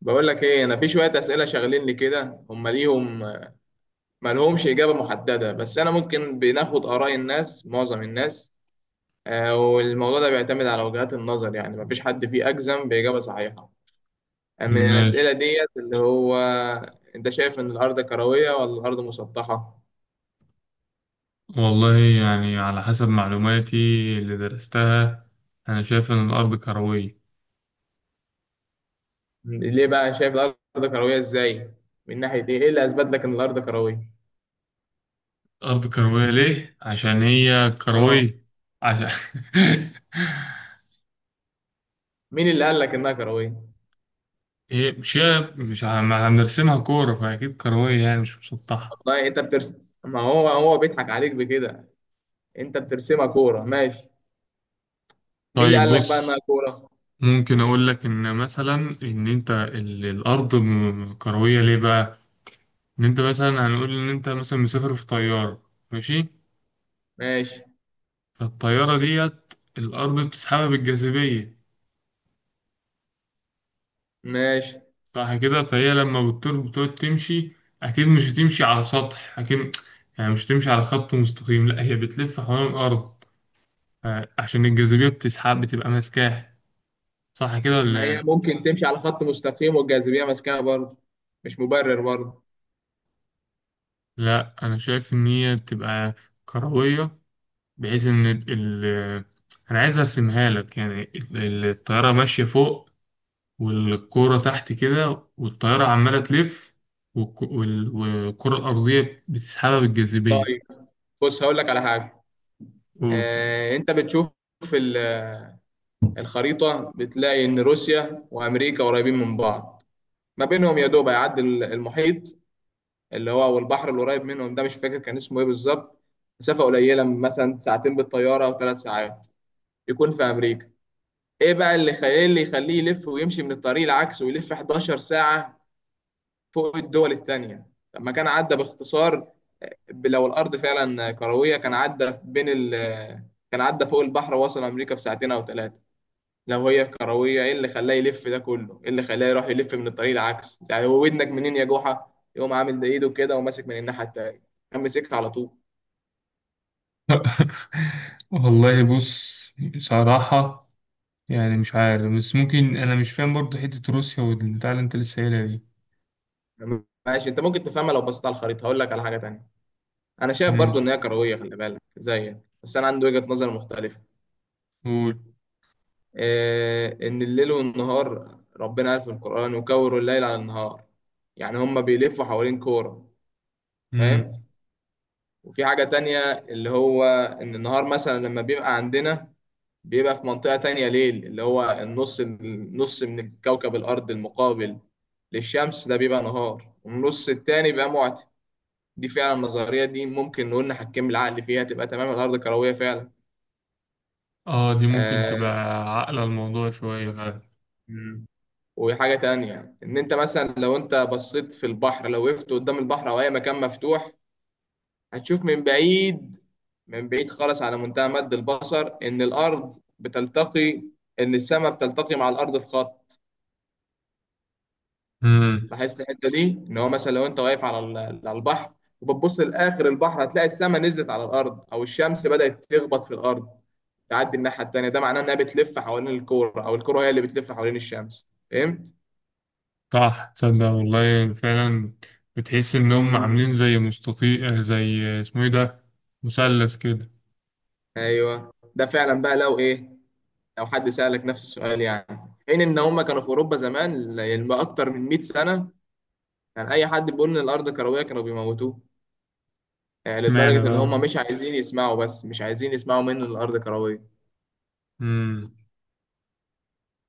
بقول لك ايه، انا في شويه اسئله شاغليني كده. هم ليهم ما لهمش اجابه محدده، بس انا ممكن بناخد اراء الناس، معظم الناس. والموضوع ده بيعتمد على وجهات النظر، يعني ما فيش حد فيه اجزم باجابه صحيحه. من ماشي. الاسئله ديت، اللي هو انت شايف ان الارض كرويه ولا الارض مسطحه؟ والله يعني على حسب معلوماتي اللي درستها، أنا شايف إن الأرض كروية. ليه بقى شايف الارض كرويه؟ ازاي؟ من ناحيه ايه اللي اثبت لك ان الارض كرويه؟ الأرض كروية ليه؟ عشان هي اه. كروية. عشان مين اللي قال لك انها كرويه؟ هي مش هي مش عم- هنرسمها كورة، فأكيد كروية يعني مش مسطحة. والله انت بترسم، ما هو هو بيضحك عليك بكده. انت بترسمها كوره، ماشي. مين اللي طيب قال لك بقى انها بص، كوره؟ ممكن أقول لك إن مثلا إن أنت الأرض كروية ليه بقى؟ إن أنت مثلا، هنقول إن أنت مثلا مسافر في طيارة، ماشي؟ ماشي. فالطيارة ديت الأرض بتسحبها بالجاذبية. ماشي. صح كده؟ فهي لما بتطير بتقعد تمشي، اكيد مش هتمشي على سطح، اكيد يعني مش هتمشي على خط مستقيم، لا هي بتلف حوالين الارض، عشان الجاذبيه بتسحب، بتبقى ماسكاه. صح كده ما ولا هي إيه؟ ممكن تمشي على خط مستقيم والجاذبيه ماسكاها برضه، مش مبرر برضه. لا، انا شايف ان هي بتبقى كرويه، بحيث ان انا عايز ارسمها لك يعني، الطياره ماشيه فوق والكوره تحت كده، والطياره عماله تلف، والكره الارضيه بتسحبها بالجاذبيه. طيب، بص هقول لك على حاجه. انت بتشوف في الخريطه، بتلاقي ان روسيا وامريكا قريبين من بعض. ما بينهم يا دوب هيعدي المحيط، اللي هو والبحر القريب منهم ده مش فاكر كان اسمه ايه بالظبط. مسافه قليله، مثلا ساعتين بالطياره او ثلاث ساعات، يكون في امريكا. ايه بقى اللي يخليه يلف ويمشي من الطريق العكس ويلف 11 ساعه فوق الدول التانية؟ لما كان عدى باختصار. لو الأرض فعلا كروية كان عدى فوق البحر ووصل أمريكا في ساعتين أو ثلاثة. لو هي كروية إيه اللي خلاه يلف ده كله؟ إيه اللي خلاه يروح يلف من الطريق العكس؟ يعني هو ودنك منين يا جحا؟ يقوم عامل ده إيده كده وماسك من الناحية التانية، كان ماسكها على طول. والله بص، صراحة يعني مش عارف، بس ممكن أنا مش فاهم برضه حتة روسيا والبتاع اللي أنت لسه قايلها دي. ماشي، أنت ممكن تفهمها لو بصيت على الخريطة. هقول لك على حاجة تانية. أنا شايف برضو إن ماشي. هي كروية، خلي بالك زيك، بس أنا عندي وجهة نظر مختلفة. قول. إن الليل والنهار، ربنا قال في القرآن وكوروا الليل على النهار، يعني هما بيلفوا حوالين كورة. فاهم؟ مم. وفي حاجة تانية، اللي هو إن النهار مثلا لما بيبقى عندنا، بيبقى في منطقة تانية ليل. اللي هو النص من الكوكب الأرض المقابل للشمس ده بيبقى نهار، والنص التاني بيبقى معتم. دي فعلا النظرية دي ممكن نقول نحكم العقل فيها، تبقى تمام، الأرض كروية فعلا. آه دي ممكن تبقى آه، عاقلة الموضوع شوية فعلا. وحاجة تانية، إن أنت مثلا لو أنت بصيت في البحر، لو وقفت قدام البحر أو أي مكان مفتوح، هتشوف من بعيد، من بعيد خالص، على منتهى مد البصر، إن الأرض بتلتقي، إن السماء بتلتقي مع الأرض في خط. مم. لاحظت الحتة دي؟ إن هو مثلا لو أنت واقف على على البحر وبتبص لآخر البحر، هتلاقي السماء نزلت على الأرض، أو الشمس بدأت تخبط في الأرض، تعدي الناحية التانية. ده معناه إنها بتلف حوالين الكورة، أو الكورة هي اللي بتلف حوالين الشمس. صح، تصدق والله فعلا بتحس إن هم فهمت؟ عاملين زي مستطيل، زي اسمه إيه ده، مثلث كده. ايوه، ده فعلا بقى لو حد سألك نفس السؤال يعني. حين ان هم كانوا في اوروبا زمان اكتر من 100 سنة، كان اي حد بيقول ان الارض كروية كانوا بيموتوه. اشمعنى لدرجة ان بقى. هم مش عايزين يسمعوا، بس مش عايزين يسمعوا منه ان الارض كروية. مم.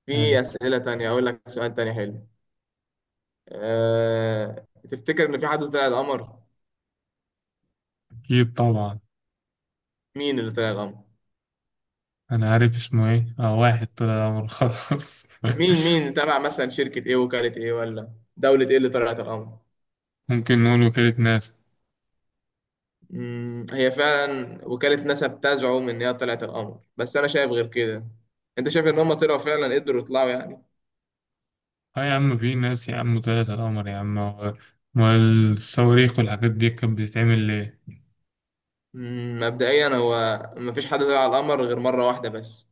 في حلو. اسئلة تانية. اقول لك سؤال تاني حلو. تفتكر ان في حد طلع القمر؟ أكيد طبعا. مين اللي طلع القمر؟ أنا عارف اسمه إيه، آه واحد طلع القمر خلاص. مين؟ مين تبع مثلا شركة ايه؟ وكالة ايه ولا دولة ايه اللي طلعت القمر؟ ممكن نقول وكالة ناسا. هي فعلا وكالة ناسا بتزعم إن هي طلعت القمر، بس أنا شايف غير كده. أنت شايف إن هم طلعوا فعلا؟ قدروا يطلعوا يعني؟ اه يا عم، في ناس يا عم طلعت على القمر يا عم، والصواريخ والحاجات دي كانت بتتعمل ليه؟ مبدئيا هو مفيش حد طلع على القمر غير مرة واحدة بس.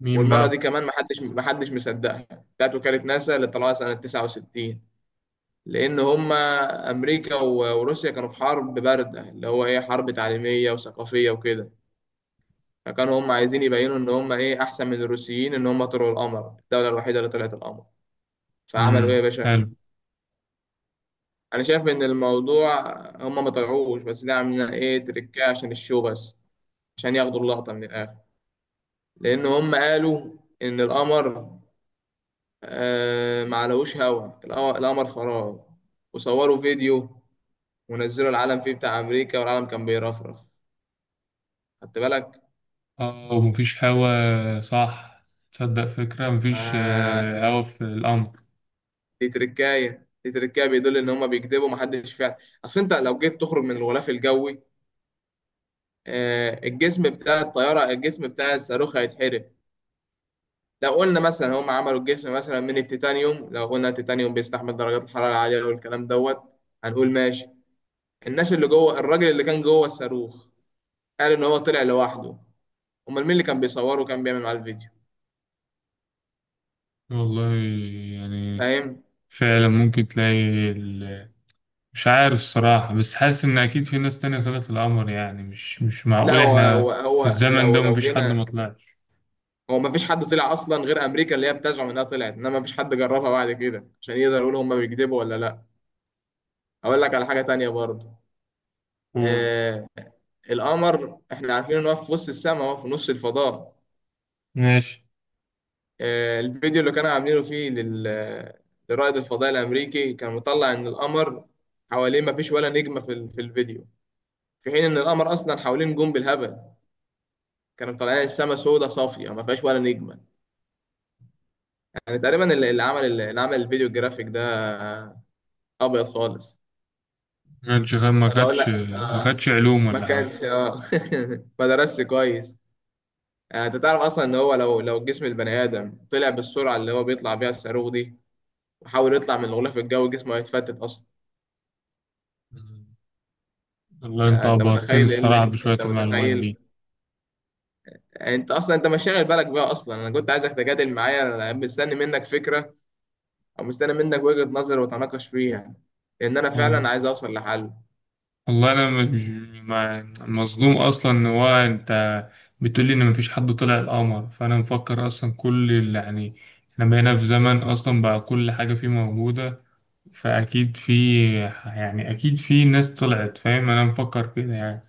مين والمرة دي بقى؟ كمان محدش مصدقها، بتاعت وكالة ناسا اللي طلعوها سنة 69. لأن هم أمريكا وروسيا كانوا في حرب باردة، اللي هو إيه، حرب تعليمية وثقافية وكده. فكانوا هم عايزين يبينوا إن هم إيه، أحسن من الروسيين، إن هم طلعوا القمر، الدولة الوحيدة اللي طلعت القمر. فعملوا إيه يا امم، باشا؟ حلو. انا شايف ان الموضوع هم ما طلعوش، بس ده عاملين ايه، تريكاه عشان الشو بس، عشان ياخدوا اللقطه من الاخر. لان هم قالوا ان القمر، آه ما علوش، هوا القمر، القمر فراغ. وصوروا فيديو ونزلوا العلم فيه بتاع امريكا والعلم كان بيرفرف. خدت بالك؟ اه ومفيش هوا صح؟ تصدق فكرة مفيش آه هوا في القمر. دي تركايه، بيدل ان هم بيكذبوا، محدش فعلا. اصل انت لو جيت تخرج من الغلاف الجوي، آه الجسم بتاع الصاروخ هيتحرق. لو قلنا مثلا هم عملوا الجسم مثلا من التيتانيوم، لو قلنا التيتانيوم بيستحمل درجات الحرارة العالية والكلام دوت، هنقول ماشي. الناس اللي جوه، الراجل اللي كان جوه الصاروخ قال ان هو طلع لوحده. امال مين اللي كان بيصوره وكان بيعمل معاه الفيديو؟ والله يعني فاهم؟ فعلا ممكن تلاقي ال... مش عارف الصراحة، بس حاسس إن أكيد في ناس تانية طلعت القمر، يعني مش لا معقول هو إحنا هو, في هو الزمن لو ده لو مفيش حد ما جينا. طلعش. هو ما فيش حد طلع اصلا غير امريكا اللي هي بتزعم انها طلعت، انما ما فيش حد جربها بعد كده عشان يقدر يقول هم بيكذبوا ولا لا. اقول لك على حاجة تانية برضه. قول. آه القمر احنا عارفين ان هو في وسط السماء، هو في نص الفضاء. ماشي. الفيديو اللي كانوا عاملينه فيه لرائد الفضاء الأمريكي كان مطلع إن القمر حواليه مفيش ولا نجمة في الفيديو، في حين إن القمر أصلا حواليه نجوم بالهبل. كانوا مطلعين السما سودة صافية ما فيهاش ولا نجمة. يعني تقريبا اللي عمل، الفيديو الجرافيك ده أبيض خالص. ما خدش ما طب أقول لك خدش ما آه. خدش علوم ما ولا حاجة. كانش آه ما درسش كويس. أنت تعرف أصلا إن هو لو جسم البني آدم طلع بالسرعة اللي هو بيطلع بيها الصاروخ دي وحاول يطلع من الغلاف الجوي، جسمه هيتفتت أصلا. والله انت انت عبرتني متخيل ايه؟ الصراحة اللي بشوية انت المعلومات متخيل دي. انت اصلا انت مش شاغل بالك بيها اصلا. انا كنت عايزك تجادل معايا، انا مستني منك فكره، او مستني منك وجهه نظر وتناقش فيها، لان انا وال- فعلا عايز اوصل لحل. والله انا مش مصدوم اصلا ان هو انت بتقولي ان مفيش حد طلع القمر، فانا مفكر اصلا كل اللي يعني احنا بقينا في زمن اصلا بقى كل حاجة فيه موجودة، فاكيد في، يعني اكيد في ناس طلعت، فاهم، انا مفكر كده يعني.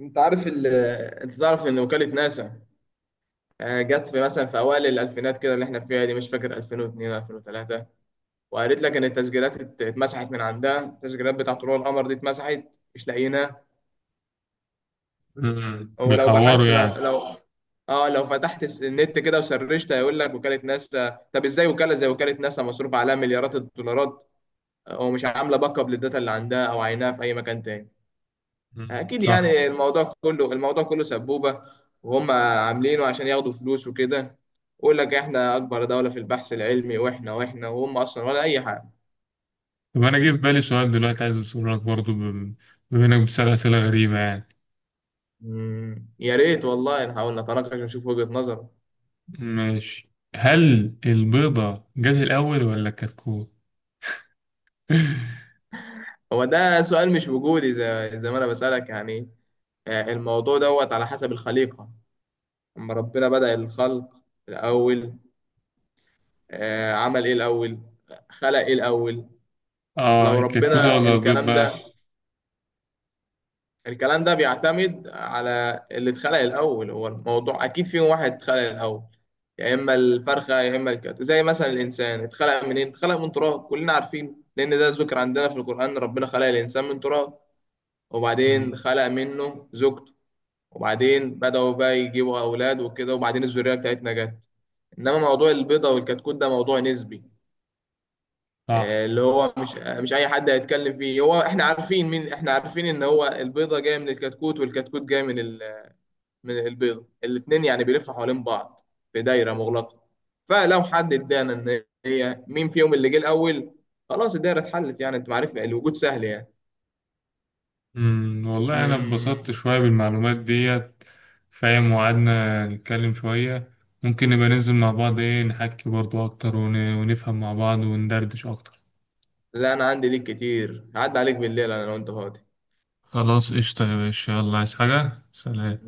انت عارف ال... انت تعرف ان وكاله ناسا، جت في مثلا في اوائل الالفينات كده اللي احنا فيها دي، مش فاكر 2002 2003، وقالت لك ان التسجيلات اتمسحت من عندها، التسجيلات بتاع طلوع القمر دي اتمسحت مش لاقيينها. امم، هو لو بيحوروا بحثت لو يعني. لو اه لو فتحت النت كده وسرشت هيقول لك وكالة ناسا. طب ازاي وكالة زي وكالة ناسا مصروف عليها مليارات الدولارات ومش عاملة باك اب للداتا اللي عندها او عينها في اي مكان تاني؟ امم، اكيد صح. يعني الموضوع كله سبوبة، وهم عاملينه عشان ياخدوا فلوس وكده. يقول لك احنا اكبر دولة في البحث العلمي واحنا واحنا وهم اصلا ولا اي حاجة. طب انا جه في بالي سؤال دلوقتي عايز اسأله لك برضه بما انك بتسأل اسئلة غريبة يعني. يا ريت والله نحاول نتناقش ونشوف وجهة نظر. ماشي. هل البيضة جت الأول ولا الكتكوت؟ هو ده سؤال مش وجودي، زي ما انا بسألك يعني. الموضوع دوت على حسب الخليقة. أما ربنا بدأ الخلق، الأول، عمل إيه الأول؟ خلق إيه الأول؟ آه لو الكتكوتة ربنا ولا البيض الكلام ده بقى؟ الكلام ده بيعتمد على اللي اتخلق الأول. هو الموضوع أكيد فيهم واحد اتخلق الأول، يا إما الفرخة يا إما الكتف. زي مثلا الإنسان اتخلق منين؟ اتخلق من تراب كلنا عارفين، لأن ده ذكر عندنا في القرآن، ربنا خلق الإنسان من تراب، وبعدين مم. خلق منه زوجته، وبعدين بدأوا بقى يجيبوا أولاد وكده، وبعدين الذرية بتاعتنا جت. انما موضوع البيضه والكتكوت ده موضوع نسبي. صح. اللي هو مش اي حد هيتكلم فيه. هو احنا عارفين مين، احنا عارفين ان هو البيضه جايه من الكتكوت، والكتكوت جاي من من البيضه. الاثنين يعني بيلفوا حوالين بعض في دايره مغلقه. فلو حد ادانا ان هي مين فيهم اللي جه الاول، خلاص الدايره اتحلت يعني. انت معرفه الوجود سهل يعني. مم. والله أنا اتبسطت مم، شوية بالمعلومات ديت، فاهم، وقعدنا نتكلم شوية. ممكن نبقى ننزل مع بعض، إيه، نحكي برضو أكتر ونفهم مع بعض وندردش أكتر. لا انا عندي ليك كتير، هعدي عليك بالليل انا لو انت فاضي. خلاص قشطة يا باشا، يلا. عايز حاجة؟ سلام.